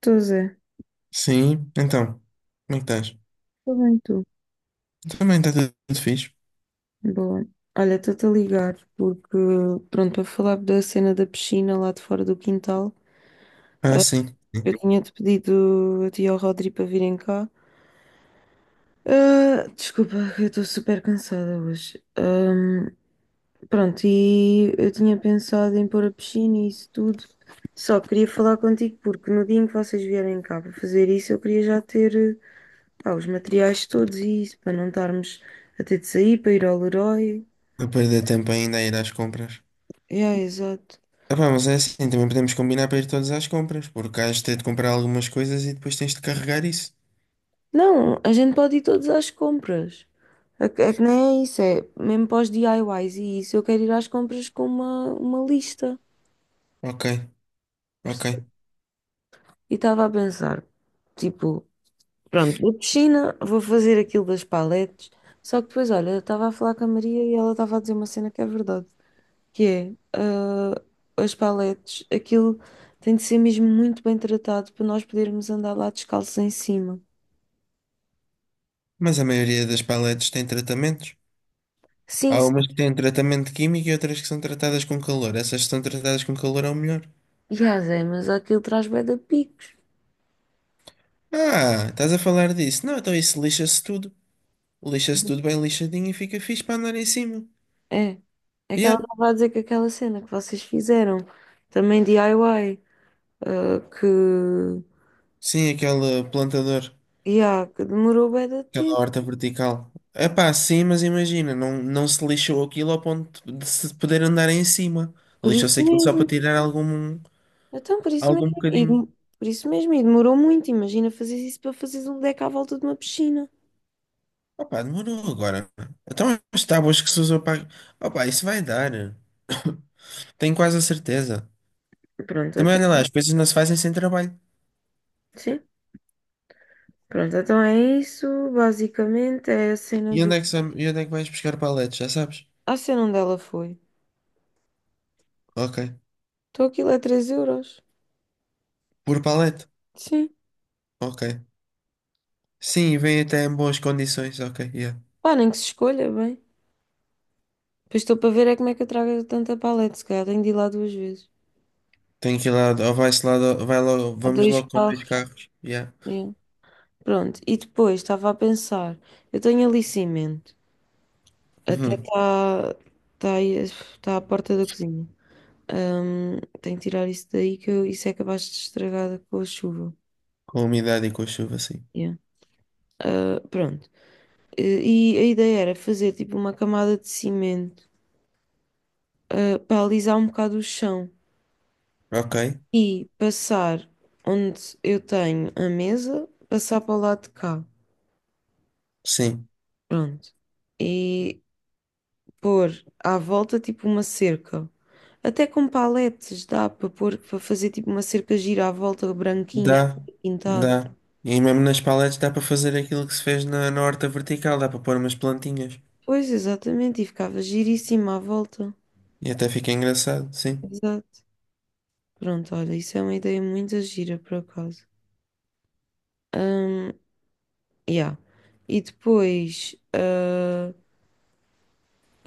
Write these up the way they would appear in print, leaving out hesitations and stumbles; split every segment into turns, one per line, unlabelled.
Estou, Zé.
Sim, então, como é que estás?
Estou bem, tu.
Também está tudo, tudo fixe.
Boa. Olha, estou-te a ligar porque, pronto, para falar da cena da piscina lá de fora do quintal,
Ah, sim.
eu tinha-te pedido a ti e ao Rodri para virem cá. Ah, desculpa, eu estou super cansada hoje. Pronto, e eu tinha pensado em pôr a piscina e isso tudo. Só queria falar contigo porque no dia em que vocês vierem cá para fazer isso, eu queria já ter, pá, os materiais todos e isso, para não estarmos a ter de sair para ir ao Leroy.
A perder tempo ainda a ir às compras.
É, exato.
Ah, pá, mas é assim, também podemos combinar para ir todos às compras, porque has de ter de comprar algumas coisas e depois tens de carregar isso.
Não, a gente pode ir todos às compras. É que nem é isso, é mesmo para os DIYs e isso. Eu quero ir às compras com uma lista.
Ok, ok.
E estava a pensar, tipo, pronto, vou de China, vou fazer aquilo das paletes. Só que depois, olha, eu estava a falar com a Maria e ela estava a dizer uma cena que é verdade, que é, ah, as paletes, aquilo tem de ser mesmo muito bem tratado para nós podermos andar lá descalços em cima.
Mas a maioria das paletes tem tratamentos.
Sim,
Há
sim.
umas que têm tratamento químico e outras que são tratadas com calor. Essas que são tratadas com calor é o melhor.
E há, Zé, mas aquilo traz bué de picos.
Ah, estás a falar disso? Não, então isso lixa-se tudo. Lixa-se tudo bem lixadinho e fica fixe para andar em cima.
É, é que ela
Yeah,
estava a dizer que aquela cena que vocês fizeram, também DIY, ah, que,
sim, aquele plantador.
yeah, que demorou bem de
Aquela
tempo,
horta vertical. É pá, sim, mas imagina, não, não se lixou aquilo ao ponto de se poder andar em cima.
por isso
Lixou-se aquilo só para
mesmo,
tirar algum,
então por isso
algum
mesmo, e,
bocadinho.
por isso mesmo, e demorou muito, imagina fazer isso para fazeres um deck à volta de uma piscina.
Opá, demorou agora. Então as tábuas que se usou para. Opá, isso vai dar. Tenho quase a certeza.
Pronto,
Também olha lá,
então,
as coisas não se fazem sem trabalho.
sim, pronto, então é isso, basicamente é a cena
E onde
do,
é que, e onde é que vais buscar paletes? Já sabes?
a cena onde ela foi,
Ok.
então aquilo é 3 euros,
Por palete?
sim,
Ok. Sim, e vem até em boas condições. Ok, yeah.
pá, nem que se escolha, bem, depois estou para ver é como é que eu trago tanta paleta, se calhar tenho de ir lá duas vezes.
Tem que ir lá, ou vai-se lá, ou vai logo,
Ou
vamos
dois
logo com dois
carros.
carros. Yeah.
Yeah. Pronto. E depois estava a pensar, eu tenho ali cimento. Até
Uhum.
está tá, tá aí- tá à porta da cozinha. Tenho que tirar isso daí. Isso é capaz de estragar com a chuva.
Com a umidade e com a chuva, sim.
Yeah. Ah, pronto. E, e a ideia era fazer tipo uma camada de cimento, ah, para alisar um bocado o chão
Ok,
e passar onde eu tenho a mesa, passar para o lado de cá.
sim.
Pronto. E pôr à volta tipo uma cerca. Até com paletes dá para pôr, para fazer tipo uma cerca gira à volta, branquinha,
Dá,
pintada.
dá. E mesmo nas paletes dá para fazer aquilo que se fez na horta vertical, dá para pôr umas plantinhas.
Pois, exatamente, e ficava giríssima à volta.
E até fica engraçado, sim.
Exato. Pronto, olha, isso é uma ideia muito gira, por acaso. Hum, yeah. E depois, ah,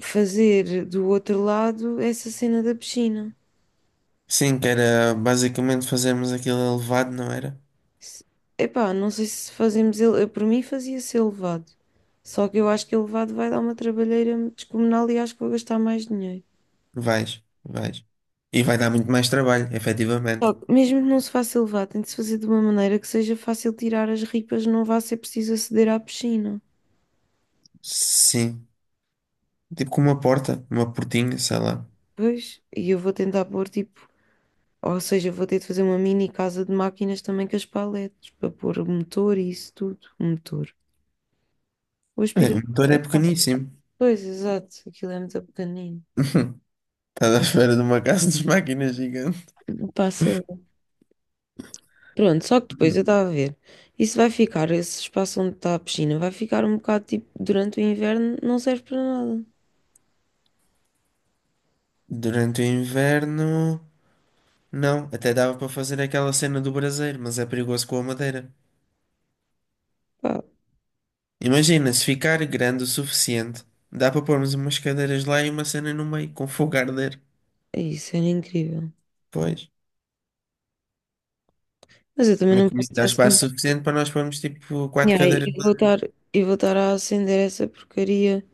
fazer do outro lado essa cena da piscina.
Sim, que era basicamente fazermos aquilo elevado, não era?
Se- Epá, não sei se fazemos ele. Eu, por mim fazia-se elevado. Só que eu acho que elevado vai dar uma trabalheira descomunal e acho que vou gastar mais dinheiro.
Vais, vais. E vai dar muito mais trabalho,
Só
efetivamente.
que mesmo que não se faça elevado, tem de se fazer de uma maneira que seja fácil tirar as ripas, não vá ser preciso aceder à piscina.
Sim. Tipo com uma porta, uma portinha, sei lá.
Pois, e eu vou tentar pôr tipo. Ou seja, vou ter de fazer uma mini casa de máquinas também com as paletes, para pôr o motor e isso tudo. O motor. O
É, o
aspirador.
motor é
Epá,
pequeníssimo.
pois, exato, aquilo é muito pequenino.
Estás à espera de uma casa de máquinas gigante.
Passa Pronto, só que depois eu estava a ver. Isso vai ficar, esse espaço onde está a piscina, vai ficar um bocado tipo, durante o inverno, não serve para nada.
Durante o inverno. Não, até dava para fazer aquela cena do braseiro, mas é perigoso com a madeira.
Pá,
Imagina, se ficar grande o suficiente, dá para pormos umas cadeiras lá e uma cena no meio, com fogo a arder.
é isso, era incrível.
Pois.
Mas eu também
Mas
não
também
posso
dá
estar sem.
espaço suficiente para nós pormos tipo
Ya,
quatro
e
cadeiras
e vou
lá
estar, e vou estar a acender essa porcaria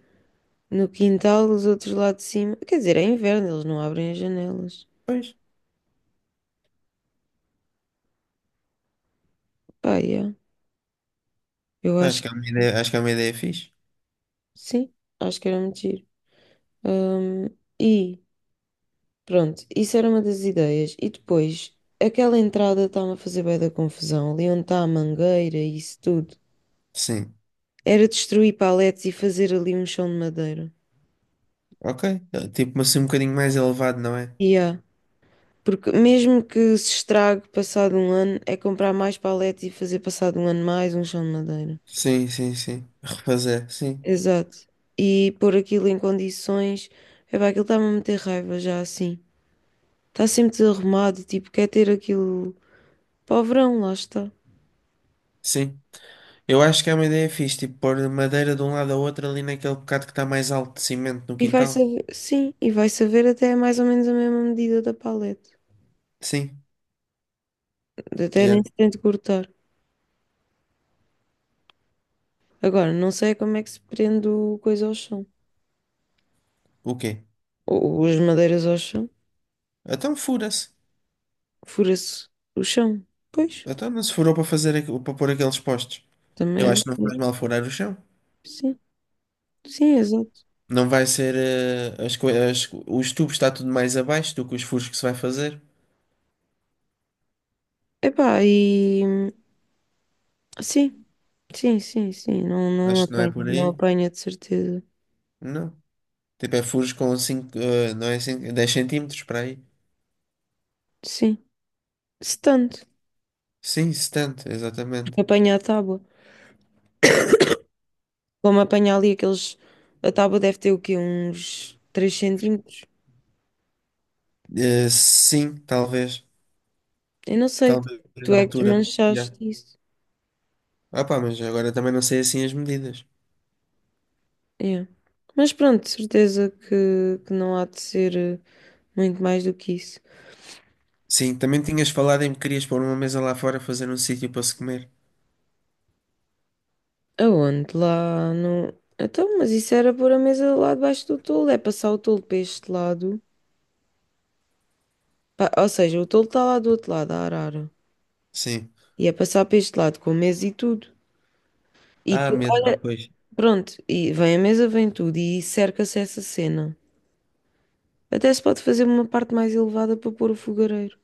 no quintal, os outros lá de cima. Quer dizer, é inverno, eles não abrem as janelas.
depois.
Pá, yeah. Eu
Acho
acho,
que é uma ideia, acho que é uma ideia é fixe.
sim, acho que era muito giro. Hum, e pronto, isso era uma das ideias. E depois, aquela entrada estava a fazer bem da confusão. Ali onde está a mangueira e isso tudo.
Sim.
Era destruir paletes e fazer ali um chão de madeira.
Ok. É, tipo, mas assim um bocadinho mais elevado, não é?
E porque mesmo que se estrague passado um ano, é comprar mais paletes e fazer passado um ano mais um chão de madeira.
Sim, sim, sim. Refazer, sim.
Exato. E pôr aquilo em condições. Epá, aquilo está-me a meter raiva já assim. Está sempre desarrumado, tipo, quer ter aquilo para o verão, lá está.
Sim. Eu acho que é uma ideia é fixe, tipo, pôr madeira de um lado ao outro ali naquele bocado que está mais alto de cimento no
E vai
quintal.
saber, sim, e vai saber até mais ou menos a mesma medida da paleta.
Sim.
Até
Yeah.
nem se tente cortar. Agora, não sei como é que se prende o coisa ao chão.
O quê?
Ou as madeiras ao chão.
Então fura-se.
Fura-se o chão. Pois,
Então não se furou para fazer, para pôr aqueles postes.
também
Eu
é
acho que não faz
verdade.
mal furar o chão.
Sim, sim, exato.
Não vai ser, os tubos está tudo mais abaixo do que os furos que se vai fazer.
Epá, e sim, sim, sim, sim. Não, não
Acho que não é
apanha,
por
não
aí.
apanha de certeza.
Não. Tipo, é furos com 5, não é cinco, 10 centímetros para aí.
Sim, se tanto.
Sim, 70, exatamente.
Porque apanha a tábua. Como apanha ali aqueles. A tábua deve ter o quê? Uns 3 centímetros.
Sim, talvez.
Eu não sei,
Talvez
tu
da
é que
altura.
desmanchaste
Yeah.
isso.
Ah pá, mas agora também não sei assim as medidas.
É. Mas pronto, de certeza que não há de ser muito mais do que isso.
Sim, também tinhas falado em que querias pôr uma mesa lá fora fazer um sítio para se comer.
Aonde? Lá no. Então, mas isso era pôr a mesa lá debaixo do tolo, é passar o tolo para este lado. Ou seja, o tolo está lá do outro lado, a arara.
Sim.
E é passar para este lado com a mesa e tudo. E
Ah,
tu,
medo. Ah,
olha,
pois.
pronto, e vem a mesa, vem tudo e cerca-se essa cena. Até se pode fazer uma parte mais elevada para pôr o fogareiro.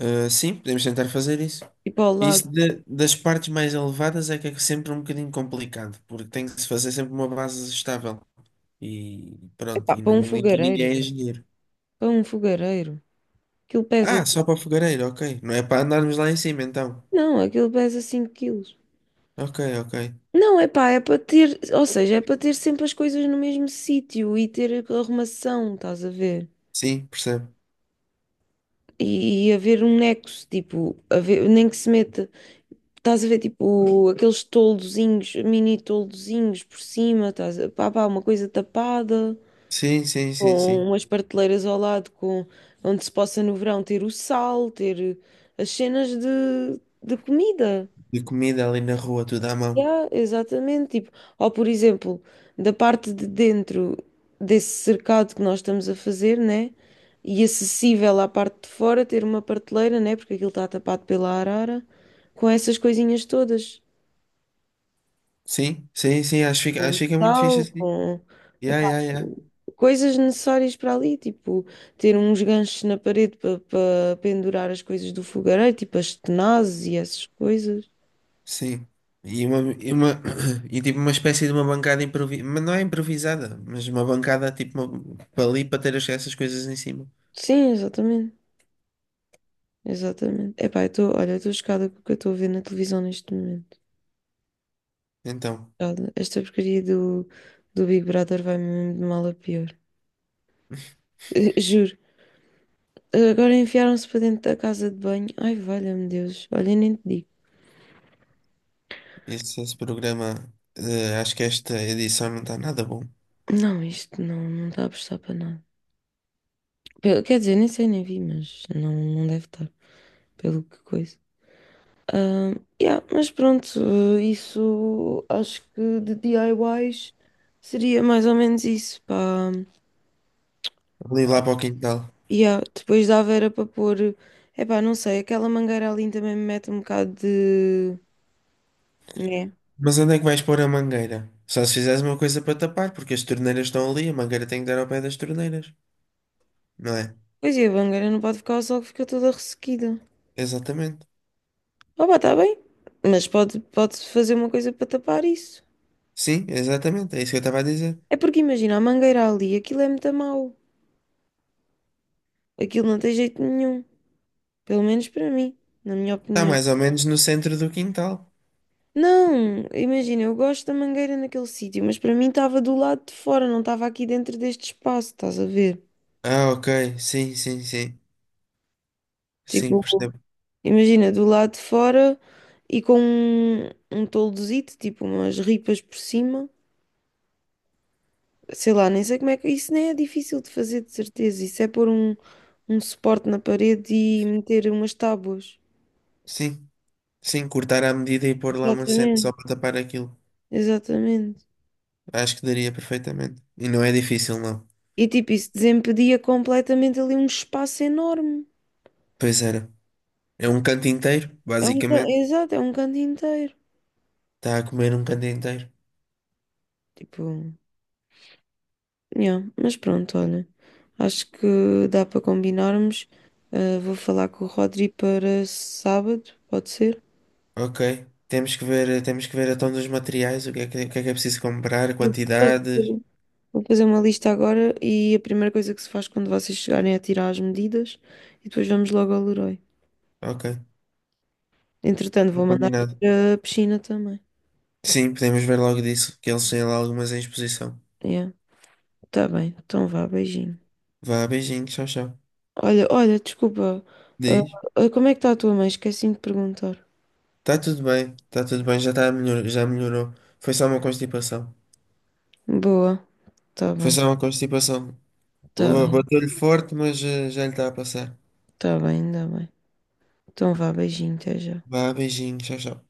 Ah, sim, podemos tentar fazer isso.
E para o lado.
Isso de- das partes mais elevadas é que é sempre um bocadinho complicado, porque tem que se fazer sempre uma base estável. E pronto,
Epá,
e
para
nem,
um
nem que
fogareiro.
ninguém é engenheiro.
Para um fogareiro. Aquilo pesa.
Ah, só para o fogareiro, ok. Não é para andarmos lá em cima, então.
Não, aquilo pesa 5 quilos.
Ok, ok.
Não, é pá, é para ter. Ou seja, é para ter sempre as coisas no mesmo sítio e ter arrumação, estás a ver?
Sim, percebo.
E haver um nexo, tipo, nem que se meta. Estás a ver, tipo, aqueles toldozinhos, mini toldozinhos por cima, pá, pá, uma coisa tapada,
Sim, sim, sim, sim.
com umas prateleiras ao lado, onde se possa no verão ter o sal, ter as cenas de comida.
De comida ali na rua, tudo à mão.
Yeah, exatamente. Tipo, ou por exemplo, da parte de dentro desse cercado que nós estamos a fazer, né? E acessível à parte de fora, ter uma prateleira, né? Porque aquilo está tapado pela arara, com essas coisinhas todas,
Sim, sim, sim, acho
com
que fica muito fixe
sal,
assim.
com
Yeah,
epá,
yeah, yeah.
coisas necessárias para ali, tipo, ter uns ganchos na parede para pendurar as coisas do fogareiro, tipo as tenazes e essas coisas.
Sim. E uma, e tipo uma espécie de uma bancada improvisada, mas não é improvisada, mas uma bancada tipo uma- para ali para ter as- essas coisas em cima.
Sim, exatamente. Exatamente. Epá, eu estou, olha, eu estou chocada com o que eu estou a ver na televisão neste momento.
Então,
Chocada. Esta porcaria do Big Brother vai mesmo de mal a pior. Juro. Agora enfiaram-se para dentro da casa de banho. Ai, valha-me Deus. Olha, nem te digo.
esse programa, acho que esta edição não está nada bom.
Não, isto não está a prestar para nada. Quer dizer, nem sei, nem vi, mas não deve estar, pelo que coisa. Ah, yeah, mas pronto, isso acho que de DIYs seria mais ou menos isso, pá.
Ali lá para o quintal.
E ah, depois dava era para pôr, epá, não sei, aquela mangueira ali também me mete um bocado de. Né?
Mas onde é que vais pôr a mangueira? Só se fizeres uma coisa para tapar, porque as torneiras estão ali, a mangueira tem que dar ao pé das torneiras, não é?
Pois é, a mangueira não pode ficar ao sol que fica toda ressequida.
Exatamente.
Ah, pá, está bem, mas pode fazer uma coisa para tapar isso.
Sim, exatamente, é isso que eu estava a dizer.
É porque imagina, a mangueira ali, aquilo é muito mau. Aquilo não tem jeito nenhum. Pelo menos para mim, na minha
Está
opinião.
mais ou menos no centro do quintal.
Não, imagina, eu gosto da mangueira naquele sítio, mas para mim estava do lado de fora, não estava aqui dentro deste espaço, estás a ver?
Ah, ok, sim, sim, sim. Sim,
Tipo.
percebo.
Imagina, do lado de fora e com um toldozito, tipo umas ripas por cima. Sei lá, nem sei como é que. Isso nem é difícil de fazer, de certeza. Isso é pôr um suporte na parede e meter umas tábuas.
Sim, sim, cortar à medida e pôr lá uma cena só
Exatamente.
para tapar aquilo.
Exatamente.
Acho que daria perfeitamente. E não é difícil, não.
E tipo, isso desempedia completamente ali um espaço enorme.
Pois era. É um canto inteiro,
É um,
basicamente.
exato, é um canto inteiro.
Está a comer um canto inteiro.
Tipo. Yeah, mas pronto, olha, acho que dá para combinarmos. Ah, vou falar com o Rodri para sábado, pode ser?
Ok. Temos que ver a tom dos materiais, o que é que, o que é preciso comprar,
Eu Vou
quantidades.
fazer vou fazer uma lista agora e a primeira coisa que se faz quando vocês chegarem é tirar as medidas e depois vamos logo ao Leroy.
Ok.
Entretanto, vou
Está
mandar vir
combinado.
a piscina também.
Sim, podemos ver logo disso, que eles têm lá algumas em exposição.
Yeah, tá bem, então vá, beijinho.
Vá, beijinho, tchau, tchau.
Olha, olha, desculpa, ah,
Diz.
como é que está a tua mãe? Esqueci-me de perguntar.
Está tudo bem, já está melhor, já melhorou. Foi só uma constipação.
Boa, tá
Foi
bem,
só uma constipação.
tá
Boa,
bem,
bateu-lhe forte, mas já lhe está a passar.
tá bem, ainda bem. Então vá, beijinho, até já.
Vá, beijinho, tchau, tchau.